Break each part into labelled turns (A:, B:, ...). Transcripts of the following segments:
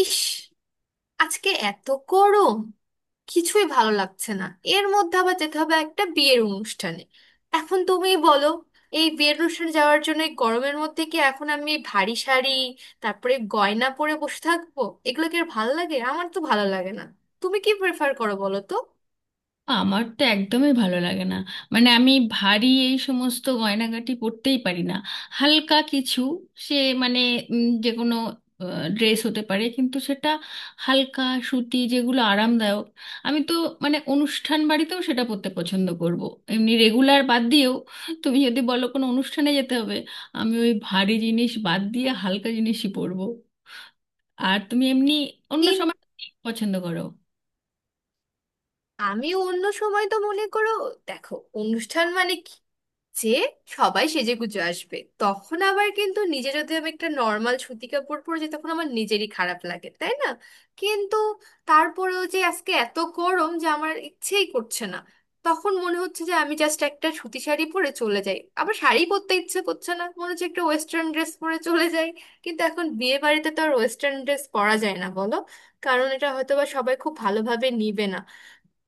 A: ইস, আজকে এত গরম কিছুই ভালো লাগছে না। এর মধ্যে আবার যেতে হবে একটা বিয়ের অনুষ্ঠানে। এখন তুমিই বলো, এই বিয়ের অনুষ্ঠানে যাওয়ার জন্য এই গরমের মধ্যে কি এখন আমি ভারী শাড়ি তারপরে গয়না পরে বসে থাকবো? এগুলো কি আর ভালো লাগে? আমার তো ভালো লাগে না। তুমি কি প্রেফার করো বলো তো?
B: আমার তো একদমই ভালো লাগে না। মানে আমি ভারী এই সমস্ত গয়নাগাটি পরতেই পারি না, হালকা কিছু। সে মানে যে কোনো ড্রেস হতে পারে, কিন্তু সেটা হালকা সুতি, যেগুলো আরামদায়ক। আমি তো মানে অনুষ্ঠান বাড়িতেও সেটা পরতে পছন্দ করব, এমনি রেগুলার বাদ দিয়েও। তুমি যদি বলো কোনো অনুষ্ঠানে যেতে হবে, আমি ওই ভারী জিনিস বাদ দিয়ে হালকা জিনিসই পরবো। আর তুমি এমনি অন্য সময় কি পছন্দ করো?
A: আমি অন্য সময় তো মনে করো, দেখো, অনুষ্ঠান মানে কি, যে সবাই সেজেগুজে আসবে তখন আবার কিন্তু নিজে যদি আমি একটা নর্মাল সুতি কাপড় পরে যাই তখন আমার নিজেরই খারাপ লাগে, তাই না? কিন্তু তারপরেও যে আজকে এত গরম যে আমার ইচ্ছেই করছে না। তখন মনে হচ্ছে যে আমি জাস্ট একটা সুতি শাড়ি পরে চলে যাই, আবার শাড়ি পরতে ইচ্ছে করছে না, মনে হচ্ছে একটা ওয়েস্টার্ন ড্রেস পরে চলে যাই। কিন্তু এখন বিয়ে বাড়িতে তো আর ওয়েস্টার্ন ড্রেস পরা যায় না, বলো। কারণ এটা হয়তো বা সবাই খুব ভালোভাবে নিবে না।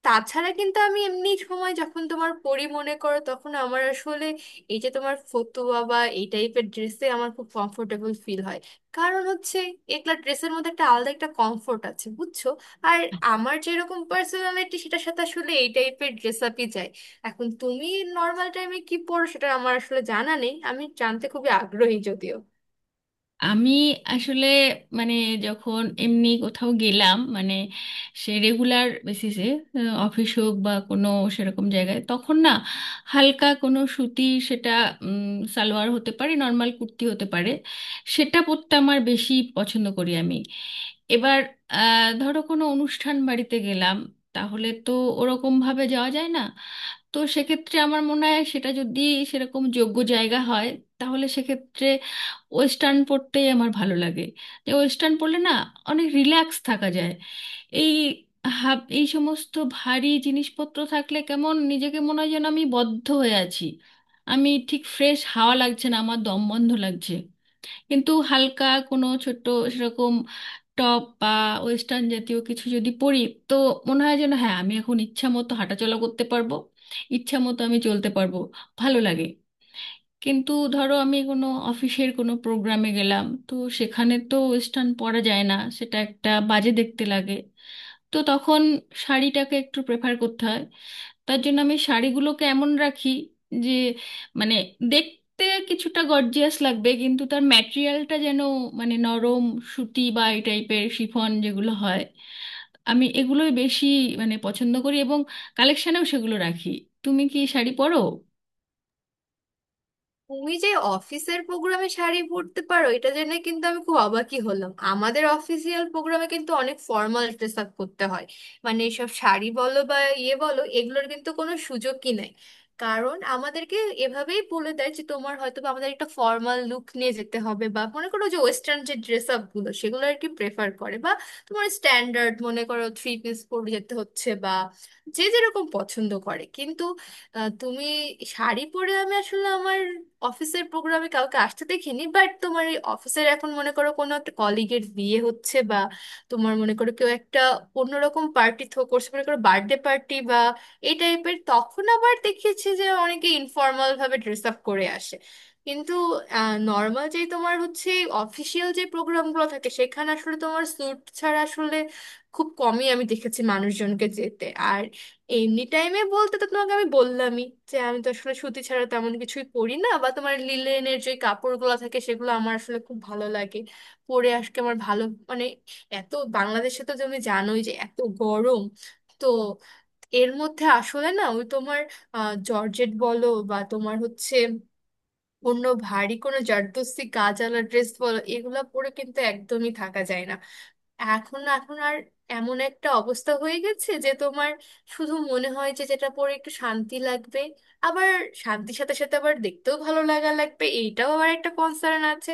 A: তাছাড়া কিন্তু আমি এমনি সময় যখন তোমার পড়ি মনে করো, তখন আমার আসলে এই যে তোমার ফতুয়া বা এই টাইপের ড্রেসে আমার খুব কমফোর্টেবল ফিল হয়। কারণ হচ্ছে, এগুলা ড্রেসের মধ্যে একটা আলাদা একটা কমফোর্ট আছে, বুঝছো। আর আমার যেরকম পার্সোনালিটি সেটার সাথে আসলে এই টাইপের ড্রেস আপই যায়। এখন তুমি নর্মাল টাইমে কি পরো সেটা আমার আসলে জানা নেই, আমি জানতে খুবই আগ্রহী যদিও।
B: আমি আসলে মানে যখন এমনি কোথাও গেলাম, মানে সে রেগুলার বেসিসে অফিস হোক বা কোনো সেরকম জায়গায়, তখন না হালকা কোনো সুতি, সেটা সালোয়ার হতে পারে, নর্মাল কুর্তি হতে পারে। সেটা পরতে আমার বেশি পছন্দ করি আমি। এবার ধরো কোনো অনুষ্ঠান বাড়িতে গেলাম, তাহলে তো ওরকম ভাবে যাওয়া যায় না। তো সেক্ষেত্রে আমার মনে হয় সেটা যদি সেরকম যোগ্য জায়গা হয়, তাহলে সেক্ষেত্রে ওয়েস্টার্ন পরতেই আমার ভালো লাগে। যে ওয়েস্টার্ন পরলে না, অনেক রিল্যাক্স থাকা যায়। এই হাব এই সমস্ত ভারী জিনিসপত্র থাকলে কেমন নিজেকে মনে হয় যেন আমি বদ্ধ হয়ে আছি। আমি ঠিক ফ্রেশ হাওয়া লাগছে না, আমার দম বন্ধ লাগছে। কিন্তু হালকা কোনো ছোট্ট সেরকম টপ বা ওয়েস্টার্ন জাতীয় কিছু যদি পরি, তো মনে হয় যেন হ্যাঁ আমি এখন ইচ্ছা মতো হাঁটাচলা করতে পারবো, ইচ্ছা মতো আমি চলতে পারবো, ভালো লাগে। কিন্তু ধরো আমি কোনো অফিসের কোনো প্রোগ্রামে গেলাম, তো সেখানে তো ওয়েস্টার্ন পরা যায় না, সেটা একটা বাজে দেখতে লাগে। তো তখন শাড়িটাকে একটু প্রেফার করতে হয়। তার জন্য আমি শাড়িগুলোকে এমন রাখি যে মানে দেখতে কিছুটা গর্জিয়াস লাগবে, কিন্তু তার ম্যাটেরিয়ালটা যেন মানে নরম সুতি বা এই টাইপের শিফন যেগুলো হয়, আমি এগুলোই বেশি মানে পছন্দ করি এবং কালেকশনেও সেগুলো রাখি। তুমি কি শাড়ি পরো?
A: তুমি যে অফিসের প্রোগ্রামে শাড়ি পরতে পারো এটা জেনে কিন্তু আমি খুব অবাকই হলাম। আমাদের অফিসিয়াল প্রোগ্রামে কিন্তু অনেক ফর্মাল ড্রেস আপ করতে হয়। মানে এসব শাড়ি বলো বা ইয়ে বলো, এগুলোর কিন্তু কোনো সুযোগই নাই। কারণ আমাদেরকে এভাবেই বলে দেয় যে তোমার হয়তো বা আমাদের একটা ফর্মাল লুক নিয়ে যেতে হবে, বা মনে করো যে ওয়েস্টার্ন যে ড্রেস আপ গুলো সেগুলো আর কি প্রেফার করে, বা তোমার স্ট্যান্ডার্ড মনে করো থ্রি পিস পরে যেতে হচ্ছে, বা যে যেরকম পছন্দ করে। কিন্তু তুমি শাড়ি পরে আমি আসলে আমার অফিসের প্রোগ্রামে কাউকে আসতে দেখিনি। বাট তোমার এই অফিসের এখন মনে করো কোনো একটা কলিগের বিয়ে হচ্ছে, বা তোমার মনে করো কেউ একটা অন্যরকম পার্টি থ্রো করছে, মনে করো বার্থডে পার্টি বা এই টাইপের, তখন আবার দেখিয়েছি যে অনেকে ইনফর্মাল ভাবে ড্রেস আপ করে আসে। কিন্তু নর্মাল যে তোমার হচ্ছে অফিসিয়াল যে প্রোগ্রামগুলো থাকে সেখানে আসলে তোমার স্যুট ছাড়া আসলে খুব কমই আমি দেখেছি মানুষজনকে যেতে। এমনি টাইমে বলতে তো তোমাকে আমি বললামই যে আমি তো আসলে সুতি ছাড়া তেমন কিছুই পরি না, বা তোমার লিলেনের যে কাপড়গুলো থাকে সেগুলো আমার আসলে খুব ভালো লাগে পরে। আজকে আমার ভালো মানে এত, বাংলাদেশে তো তুমি জানোই যে এত গরম, তো এর মধ্যে আসলে না ওই তোমার জর্জেট বলো বা তোমার হচ্ছে অন্য ভারী কোনো জারদস্তি গাজালা ড্রেস বলো, এগুলো পরে কিন্তু একদমই থাকা যায় না। এখন এখন আর এমন একটা অবস্থা হয়ে গেছে যে তোমার শুধু মনে হয় যে যেটা পরে একটু শান্তি লাগবে। আবার শান্তির সাথে সাথে আবার দেখতেও ভালো লাগা লাগবে, এইটাও আবার একটা কনসার্ন আছে।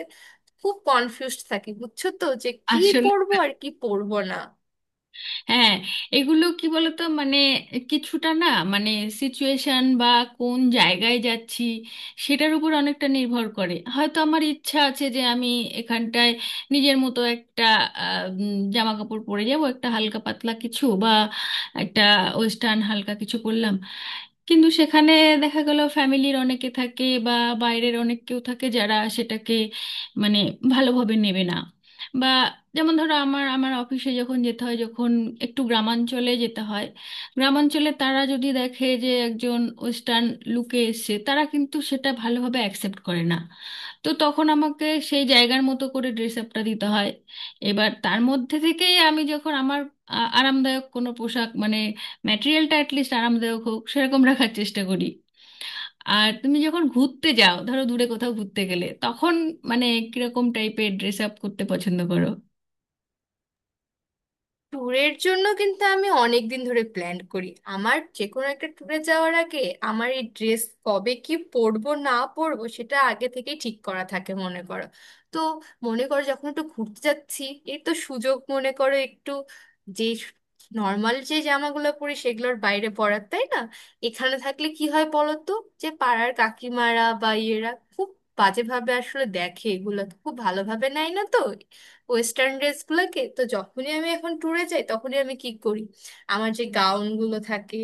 A: খুব কনফিউজড থাকি বুঝছো তো, যে কি
B: আসলে,
A: পরবো আর কি পরবো না।
B: হ্যাঁ, এগুলো কি বলতো মানে কিছুটা না মানে সিচুয়েশন বা কোন জায়গায় যাচ্ছি সেটার উপর অনেকটা নির্ভর করে। হয়তো আমার ইচ্ছা আছে যে আমি এখানটায় নিজের মতো একটা জামা কাপড় পরে যাব, একটা হালকা পাতলা কিছু বা একটা ওয়েস্টার্ন হালকা কিছু পরলাম, কিন্তু সেখানে দেখা গেল ফ্যামিলির অনেকে থাকে বা বাইরের অনেক কেউ থাকে যারা সেটাকে মানে ভালোভাবে নেবে না। বা যেমন ধরো আমার আমার অফিসে যখন যেতে হয়, যখন একটু গ্রামাঞ্চলে যেতে হয়, গ্রামাঞ্চলে তারা যদি দেখে যে একজন ওয়েস্টার্ন লুকে এসছে, তারা কিন্তু সেটা ভালোভাবে অ্যাকসেপ্ট করে না। তো তখন আমাকে সেই জায়গার মতো করে ড্রেস আপটা দিতে হয়। এবার তার মধ্যে থেকেই আমি যখন আমার আরামদায়ক কোনো পোশাক মানে ম্যাটেরিয়ালটা অ্যাটলিস্ট আরামদায়ক হোক সেরকম রাখার চেষ্টা করি। আর তুমি যখন ঘুরতে যাও, ধরো দূরে কোথাও ঘুরতে গেলে, তখন মানে কিরকম টাইপের ড্রেস আপ করতে পছন্দ করো?
A: ট্যুরের জন্য কিন্তু আমি অনেক দিন ধরে প্ল্যান করি। আমার যে কোনো একটা ট্যুরে যাওয়ার আগে আমার এই ড্রেস কবে কি পরবো না পরবো সেটা আগে থেকেই ঠিক করা থাকে মনে করো। তো মনে করো যখন একটু ঘুরতে যাচ্ছি, এই তো সুযোগ মনে করো একটু, যে নর্মাল যে জামাগুলো পরি সেগুলোর বাইরে পরার, তাই না? এখানে থাকলে কি হয় বলো তো, যে পাড়ার কাকিমারা বা ইয়েরা খুব বাজেভাবে আসলে দেখে, এগুলো খুব ভালোভাবে নেয় না তো ওয়েস্টার্ন ড্রেসগুলোকে। তো যখনই আমি এখন ট্যুরে যাই তখনই আমি কি করি, আমার যে গাউনগুলো থাকে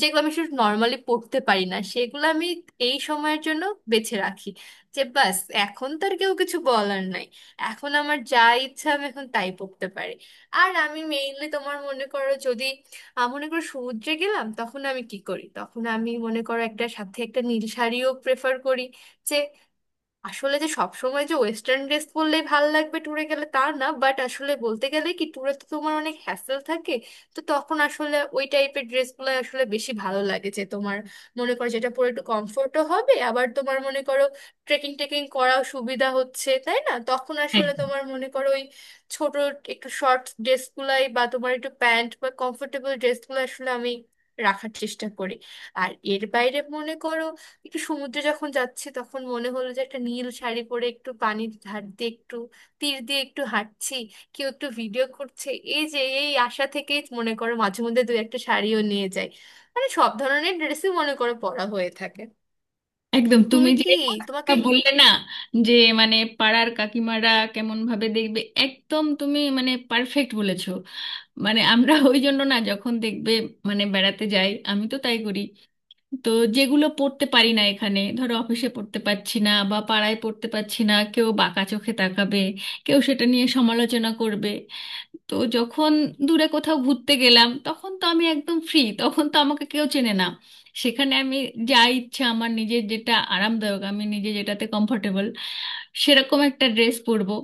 A: যেগুলো আমি শুধু নর্মালি পরতে পারি না সেগুলো আমি এই সময়ের জন্য বেছে রাখি। যে বাস, এখন তো আর কেউ কিছু বলার নাই, এখন আমার যা ইচ্ছা আমি এখন তাই পরতে পারি। আর আমি মেইনলি তোমার মনে করো যদি মনে করো সমুদ্রে গেলাম, তখন আমি কি করি তখন আমি মনে করো একটা সাথে একটা নীল শাড়িও প্রেফার করি। আসলে যে সবসময় যে ওয়েস্টার্ন ড্রেস পরলেই ভাল লাগবে ট্যুরে গেলে তা না, বাট আসলে বলতে গেলে কি, ট্যুরে তো তোমার অনেক হ্যাসেল থাকে। তো তখন আসলে ওই টাইপের ড্রেসগুলো আসলে বেশি ভালো লাগে, যে তোমার মনে করো যেটা পরে একটু কমফোর্টও হবে, আবার তোমার মনে করো ট্রেকিং টেকিং করাও সুবিধা হচ্ছে, তাই না? তখন
B: হ্যাঁ,
A: আসলে তোমার মনে করো ওই ছোট, একটু শর্ট ড্রেসগুলাই বা তোমার একটু প্যান্ট বা কমফোর্টেবল ড্রেসগুলো আসলে আমি রাখার চেষ্টা করি। আর এর বাইরে মনে করো, একটু সমুদ্রে যখন যাচ্ছি তখন মনে হলো যে একটা নীল শাড়ি পরে একটু পানির ধার দিয়ে একটু তীর দিয়ে একটু হাঁটছি, কেউ একটু ভিডিও করছে, এই যে এই আশা থেকেই মনে করো মাঝে মধ্যে দু একটা শাড়িও নিয়ে যাই। মানে সব ধরনের ড্রেসই মনে করো পরা হয়ে থাকে।
B: একদম তুমি
A: তুমি
B: যে
A: কি
B: কথা
A: তোমাকে
B: বললে না, যে মানে পাড়ার কাকিমারা কেমন ভাবে দেখবে, একদম তুমি মানে পারফেক্ট বলেছো। মানে আমরা ওই জন্য না, যখন দেখবে মানে বেড়াতে যাই, আমি তো তাই করি। তো যেগুলো পড়তে পারি না এখানে, ধরো অফিসে পড়তে পারছি না বা পাড়ায় পড়তে পারছি না, কেউ বাঁকা চোখে তাকাবে, কেউ সেটা নিয়ে সমালোচনা করবে। তো যখন দূরে কোথাও ঘুরতে গেলাম তখন তো আমি একদম ফ্রি, তখন তো আমাকে কেউ চেনে না। সেখানে আমি যা ইচ্ছা, আমার নিজের যেটা আরামদায়ক, আমি নিজে যেটাতে কমফোর্টেবল সেরকম একটা ড্রেস পরবো।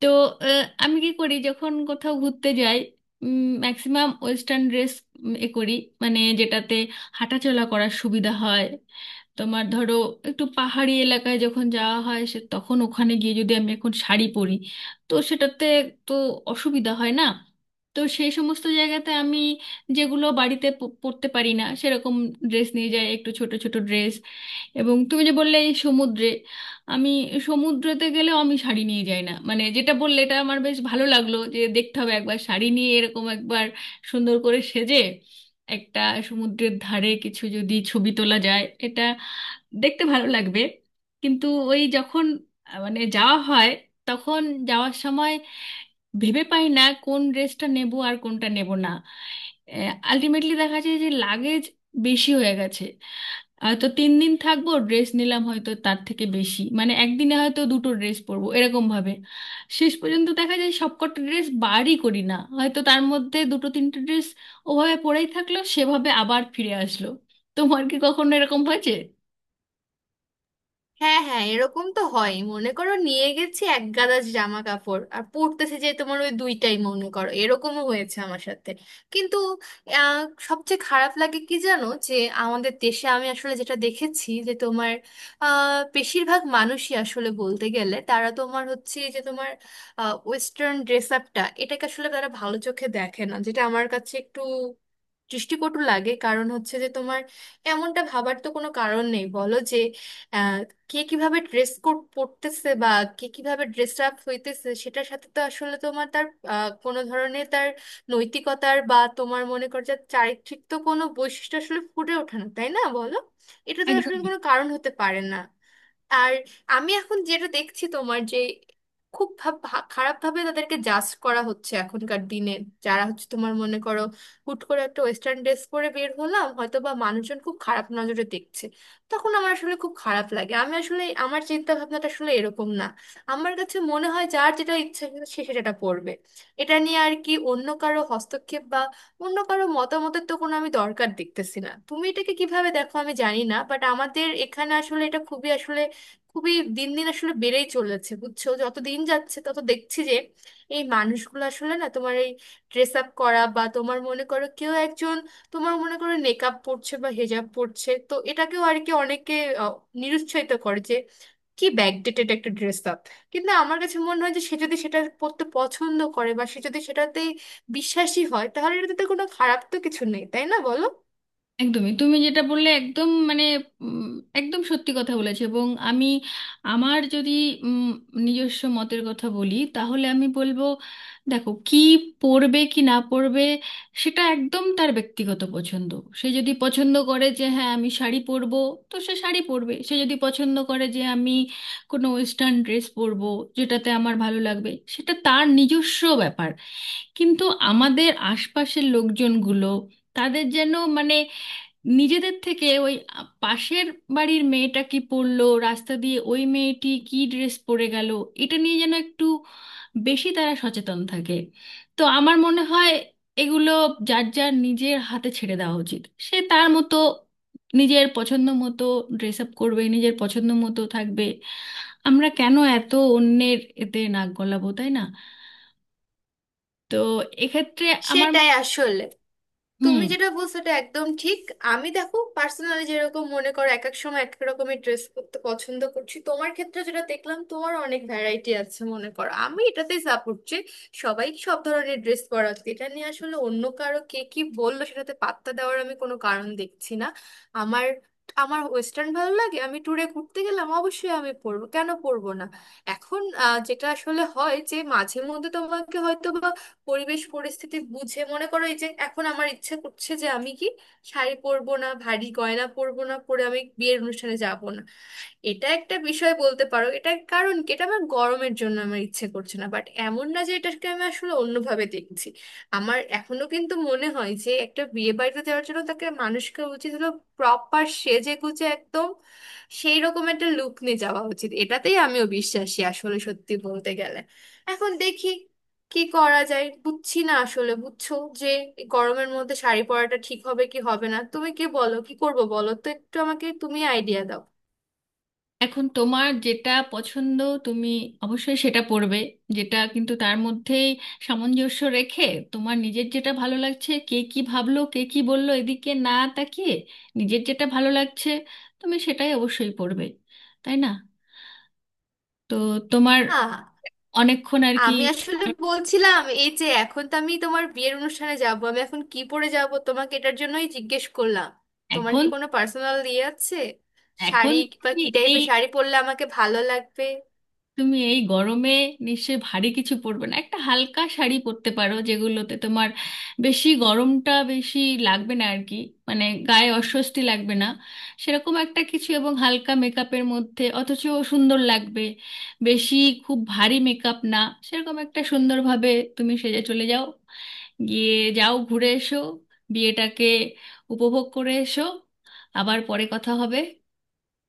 B: তো আমি কি করি যখন কোথাও ঘুরতে যাই, ম্যাক্সিমাম ওয়েস্টার্ন ড্রেস এ করি, মানে যেটাতে হাঁটাচলা করার সুবিধা হয়। তোমার ধরো একটু পাহাড়ি এলাকায় যখন যাওয়া হয়, সে তখন ওখানে গিয়ে যদি আমি এখন শাড়ি পরি, তো সেটাতে তো অসুবিধা হয় না। তো সেই সমস্ত জায়গাতে আমি যেগুলো বাড়িতে পরতে পারি না সেরকম ড্রেস নিয়ে যাই, একটু ছোট ছোট ড্রেস। এবং তুমি যে বললে এই সমুদ্রে, আমি সমুদ্রেতে গেলেও আমি শাড়ি নিয়ে যাই না। মানে যেটা বললে, এটা আমার বেশ ভালো লাগলো, যে দেখতে হবে একবার শাড়ি নিয়ে এরকম একবার সুন্দর করে সেজে একটা সমুদ্রের ধারে কিছু যদি ছবি তোলা যায়, এটা দেখতে ভালো লাগবে। কিন্তু ওই যখন মানে যাওয়া হয়, তখন যাওয়ার সময় ভেবে পাই না কোন ড্রেসটা নেব আর কোনটা নেব না। আলটিমেটলি দেখা যায় যে লাগেজ বেশি হয়ে গেছে। তো তিন দিন থাকবো ড্রেস নিলাম হয়তো তার থেকে বেশি, মানে একদিনে হয়তো দুটো ড্রেস পরবো এরকম ভাবে। শেষ পর্যন্ত দেখা যায় সবকটা ড্রেস বারই করি না, হয়তো তার মধ্যে দুটো তিনটে ড্রেস ওভাবে পরেই থাকলো, সেভাবে আবার ফিরে আসলো। তোমার কি কখনো এরকম হয়েছে?
A: হ্যাঁ, হ্যাঁ, এরকম তো হয় মনে করো, নিয়ে গেছি এক গাদা জামা কাপড় আর পড়তেছে যে তোমার ওই দুইটাই, মনে করো এরকমও হয়েছে আমার সাথে। কিন্তু আহ, সবচেয়ে খারাপ লাগে কি জানো যে আমাদের দেশে আমি আসলে যেটা দেখেছি যে তোমার বেশিরভাগ মানুষই আসলে বলতে গেলে তারা তোমার হচ্ছে যে তোমার ওয়েস্টার্ন ড্রেস আপটা এটাকে আসলে তারা ভালো চোখে দেখে না, যেটা আমার কাছে একটু দৃষ্টিকটু লাগে। কারণ হচ্ছে যে তোমার এমনটা ভাবার তো কোনো কারণ নেই বলো, যে কে কিভাবে ড্রেস কোড পরতেছে বা কে কিভাবে ড্রেস আপ হইতেছে, সেটার সাথে তো আসলে তোমার তার কোনো ধরনের তার নৈতিকতার বা তোমার মনে কর যে চারিত্রিক তো কোনো বৈশিষ্ট্য আসলে ফুটে ওঠে না, তাই না বলো? এটা তো
B: একদম
A: আসলে কোনো কারণ হতে পারে না। আর আমি এখন যেটা দেখছি তোমার যে খুব খারাপভাবে তাদেরকে জাজ করা হচ্ছে এখনকার দিনে, যারা হচ্ছে তোমার মনে করো হুট করে একটা ওয়েস্টার্ন ড্রেস পরে বের হলাম, হয়তো বা মানুষজন খুব খারাপ নজরে দেখছে। তখন আমার আসলে খুব খারাপ লাগে, আমি আসলে আমার চিন্তা ভাবনাটা আসলে এরকম না। আমার কাছে মনে হয় যার যেটা ইচ্ছা সে সেটা পড়বে, এটা নিয়ে আর কি অন্য কারো হস্তক্ষেপ বা অন্য কারো মতামতের তো কোনো আমি দরকার দেখতেছি না। তুমি এটাকে কিভাবে দেখো আমি জানি না, বাট আমাদের এখানে আসলে এটা খুবই আসলে খুবই দিন দিন আসলে বেড়েই চলেছে বুঝছো, যত দিন যাচ্ছে তত দেখছি যে এই মানুষগুলো আসলে না তোমার এই ড্রেস আপ করা বা তোমার মনে করো কেউ একজন তোমার মনে করো নেকাব পড়ছে বা হেজাব পড়ছে, তো এটাকেও আর কি অনেকে আহ, নিরুৎসাহিত করে যে কি ব্যাকডেটেড একটা ড্রেস আপ। কিন্তু আমার কাছে মনে হয় যে সে যদি সেটা পরতে পছন্দ করে বা সে যদি সেটাতেই বিশ্বাসী হয়, তাহলে এটাতে তো কোনো খারাপ তো কিছু নেই, তাই না বলো?
B: একদমই তুমি যেটা বললে, একদম মানে উম, একদম সত্যি কথা বলেছে। এবং আমি, আমার যদি উম, নিজস্ব মতের কথা বলি তাহলে আমি বলবো, দেখো কি পড়বে কি না পড়বে সেটা একদম তার ব্যক্তিগত পছন্দ। সে যদি পছন্দ করে যে হ্যাঁ আমি শাড়ি পরবো, তো সে শাড়ি পরবে। সে যদি পছন্দ করে যে আমি কোনো ওয়েস্টার্ন ড্রেস পরবো, যেটাতে আমার ভালো লাগবে, সেটা তার নিজস্ব ব্যাপার। কিন্তু আমাদের আশপাশের লোকজনগুলো, তাদের যেন মানে নিজেদের থেকে ওই পাশের বাড়ির মেয়েটা কি পরলো, রাস্তা দিয়ে ওই মেয়েটি কি ড্রেস পরে গেল, এটা নিয়ে যেন একটু বেশি তারা সচেতন থাকে। তো আমার মনে হয় এগুলো যার যার নিজের হাতে ছেড়ে দেওয়া উচিত। সে তার মতো, নিজের পছন্দ মতো ড্রেস আপ করবে, নিজের পছন্দ মতো থাকবে। আমরা কেন এত অন্যের এতে নাক গলাবো, তাই না? তো এক্ষেত্রে আমার
A: সেটাই আসলে
B: হুম।
A: তুমি যেটা বলছো এটা একদম ঠিক। আমি দেখো পার্সোনালি যেরকম মনে করো এক এক সময় এক এক রকমের ড্রেস করতে পছন্দ করছি, তোমার ক্ষেত্রে যেটা দেখলাম তোমার অনেক ভ্যারাইটি আছে মনে করো, আমি এটাতেই সাপোর্ট যে সবাই সব ধরনের ড্রেস পরা উচিত। এটা নিয়ে আসলে অন্য কারো কে কি বললো সেটাতে পাত্তা দেওয়ার আমি কোনো কারণ দেখছি না। আমার আমার ওয়েস্টার্ন ভালো লাগে, আমি ট্যুরে ঘুরতে গেলাম অবশ্যই আমি পরবো, কেন পরবো না? এখন যেটা আসলে হয় যে মাঝে মধ্যে তোমাকে হয়তো পরিবেশ পরিস্থিতি বুঝে মনে করো, এই যে এখন আমার ইচ্ছে করছে যে আমি কি শাড়ি পরবো না ভারী গয়না পরবো না পরে আমি বিয়ের অনুষ্ঠানে যাব না, এটা একটা বিষয় বলতে পারো। এটা কারণ কি, এটা আমার গরমের জন্য আমার ইচ্ছে করছে না, বাট এমন না যে এটাকে আমি আসলে অন্যভাবে দেখছি। আমার এখনো কিন্তু মনে হয় যে একটা বিয়ে বাড়িতে যাওয়ার জন্য তাকে মানুষকে উচিত হলো প্রপার সেজে গুজে একদম সেই রকম একটা লুক নিয়ে যাওয়া উচিত, এটাতেই আমিও বিশ্বাসী আসলে সত্যি বলতে গেলে। এখন দেখি কি করা যায়, বুঝছি না আসলে, বুঝছো, যে এই গরমের মধ্যে শাড়ি পরাটা ঠিক হবে কি হবে না। তুমি কি বলো কি করবো বলো তো, একটু আমাকে তুমি আইডিয়া দাও।
B: এখন তোমার যেটা পছন্দ তুমি অবশ্যই সেটা পড়বে, যেটা কিন্তু তার মধ্যেই সামঞ্জস্য রেখে তোমার নিজের যেটা ভালো লাগছে, কে কি ভাবলো কে কি বললো এদিকে না তাকিয়ে নিজের যেটা ভালো লাগছে তুমি সেটাই অবশ্যই পড়বে, তাই না? তো তোমার
A: হ্যাঁ,
B: অনেকক্ষণ আর কি।
A: আমি আসলে বলছিলাম এই যে এখন তো আমি তোমার বিয়ের অনুষ্ঠানে যাব, আমি এখন কি পরে যাব, তোমাকে এটার জন্যই জিজ্ঞেস করলাম। তোমার কি
B: এখন
A: কোনো পার্সোনাল ইয়ে আছে
B: এখন
A: শাড়ি বা
B: তুমি
A: কি
B: এই,
A: টাইপের শাড়ি পরলে আমাকে ভালো লাগবে?
B: তুমি এই গরমে নিশ্চয়ই ভারী কিছু পরবে না, একটা হালকা শাড়ি পরতে পারো যেগুলোতে তোমার বেশি গরমটা বেশি লাগবে না আর কি, মানে গায়ে অস্বস্তি লাগবে না। সেরকম একটা কিছু এবং হালকা মেকআপের মধ্যে, অথচ সুন্দর লাগবে, বেশি খুব ভারী মেকআপ না, সেরকম একটা সুন্দরভাবে তুমি সেজে চলে যাও। গিয়ে যাও, ঘুরে এসো, বিয়েটাকে উপভোগ করে এসো। আবার পরে কথা হবে।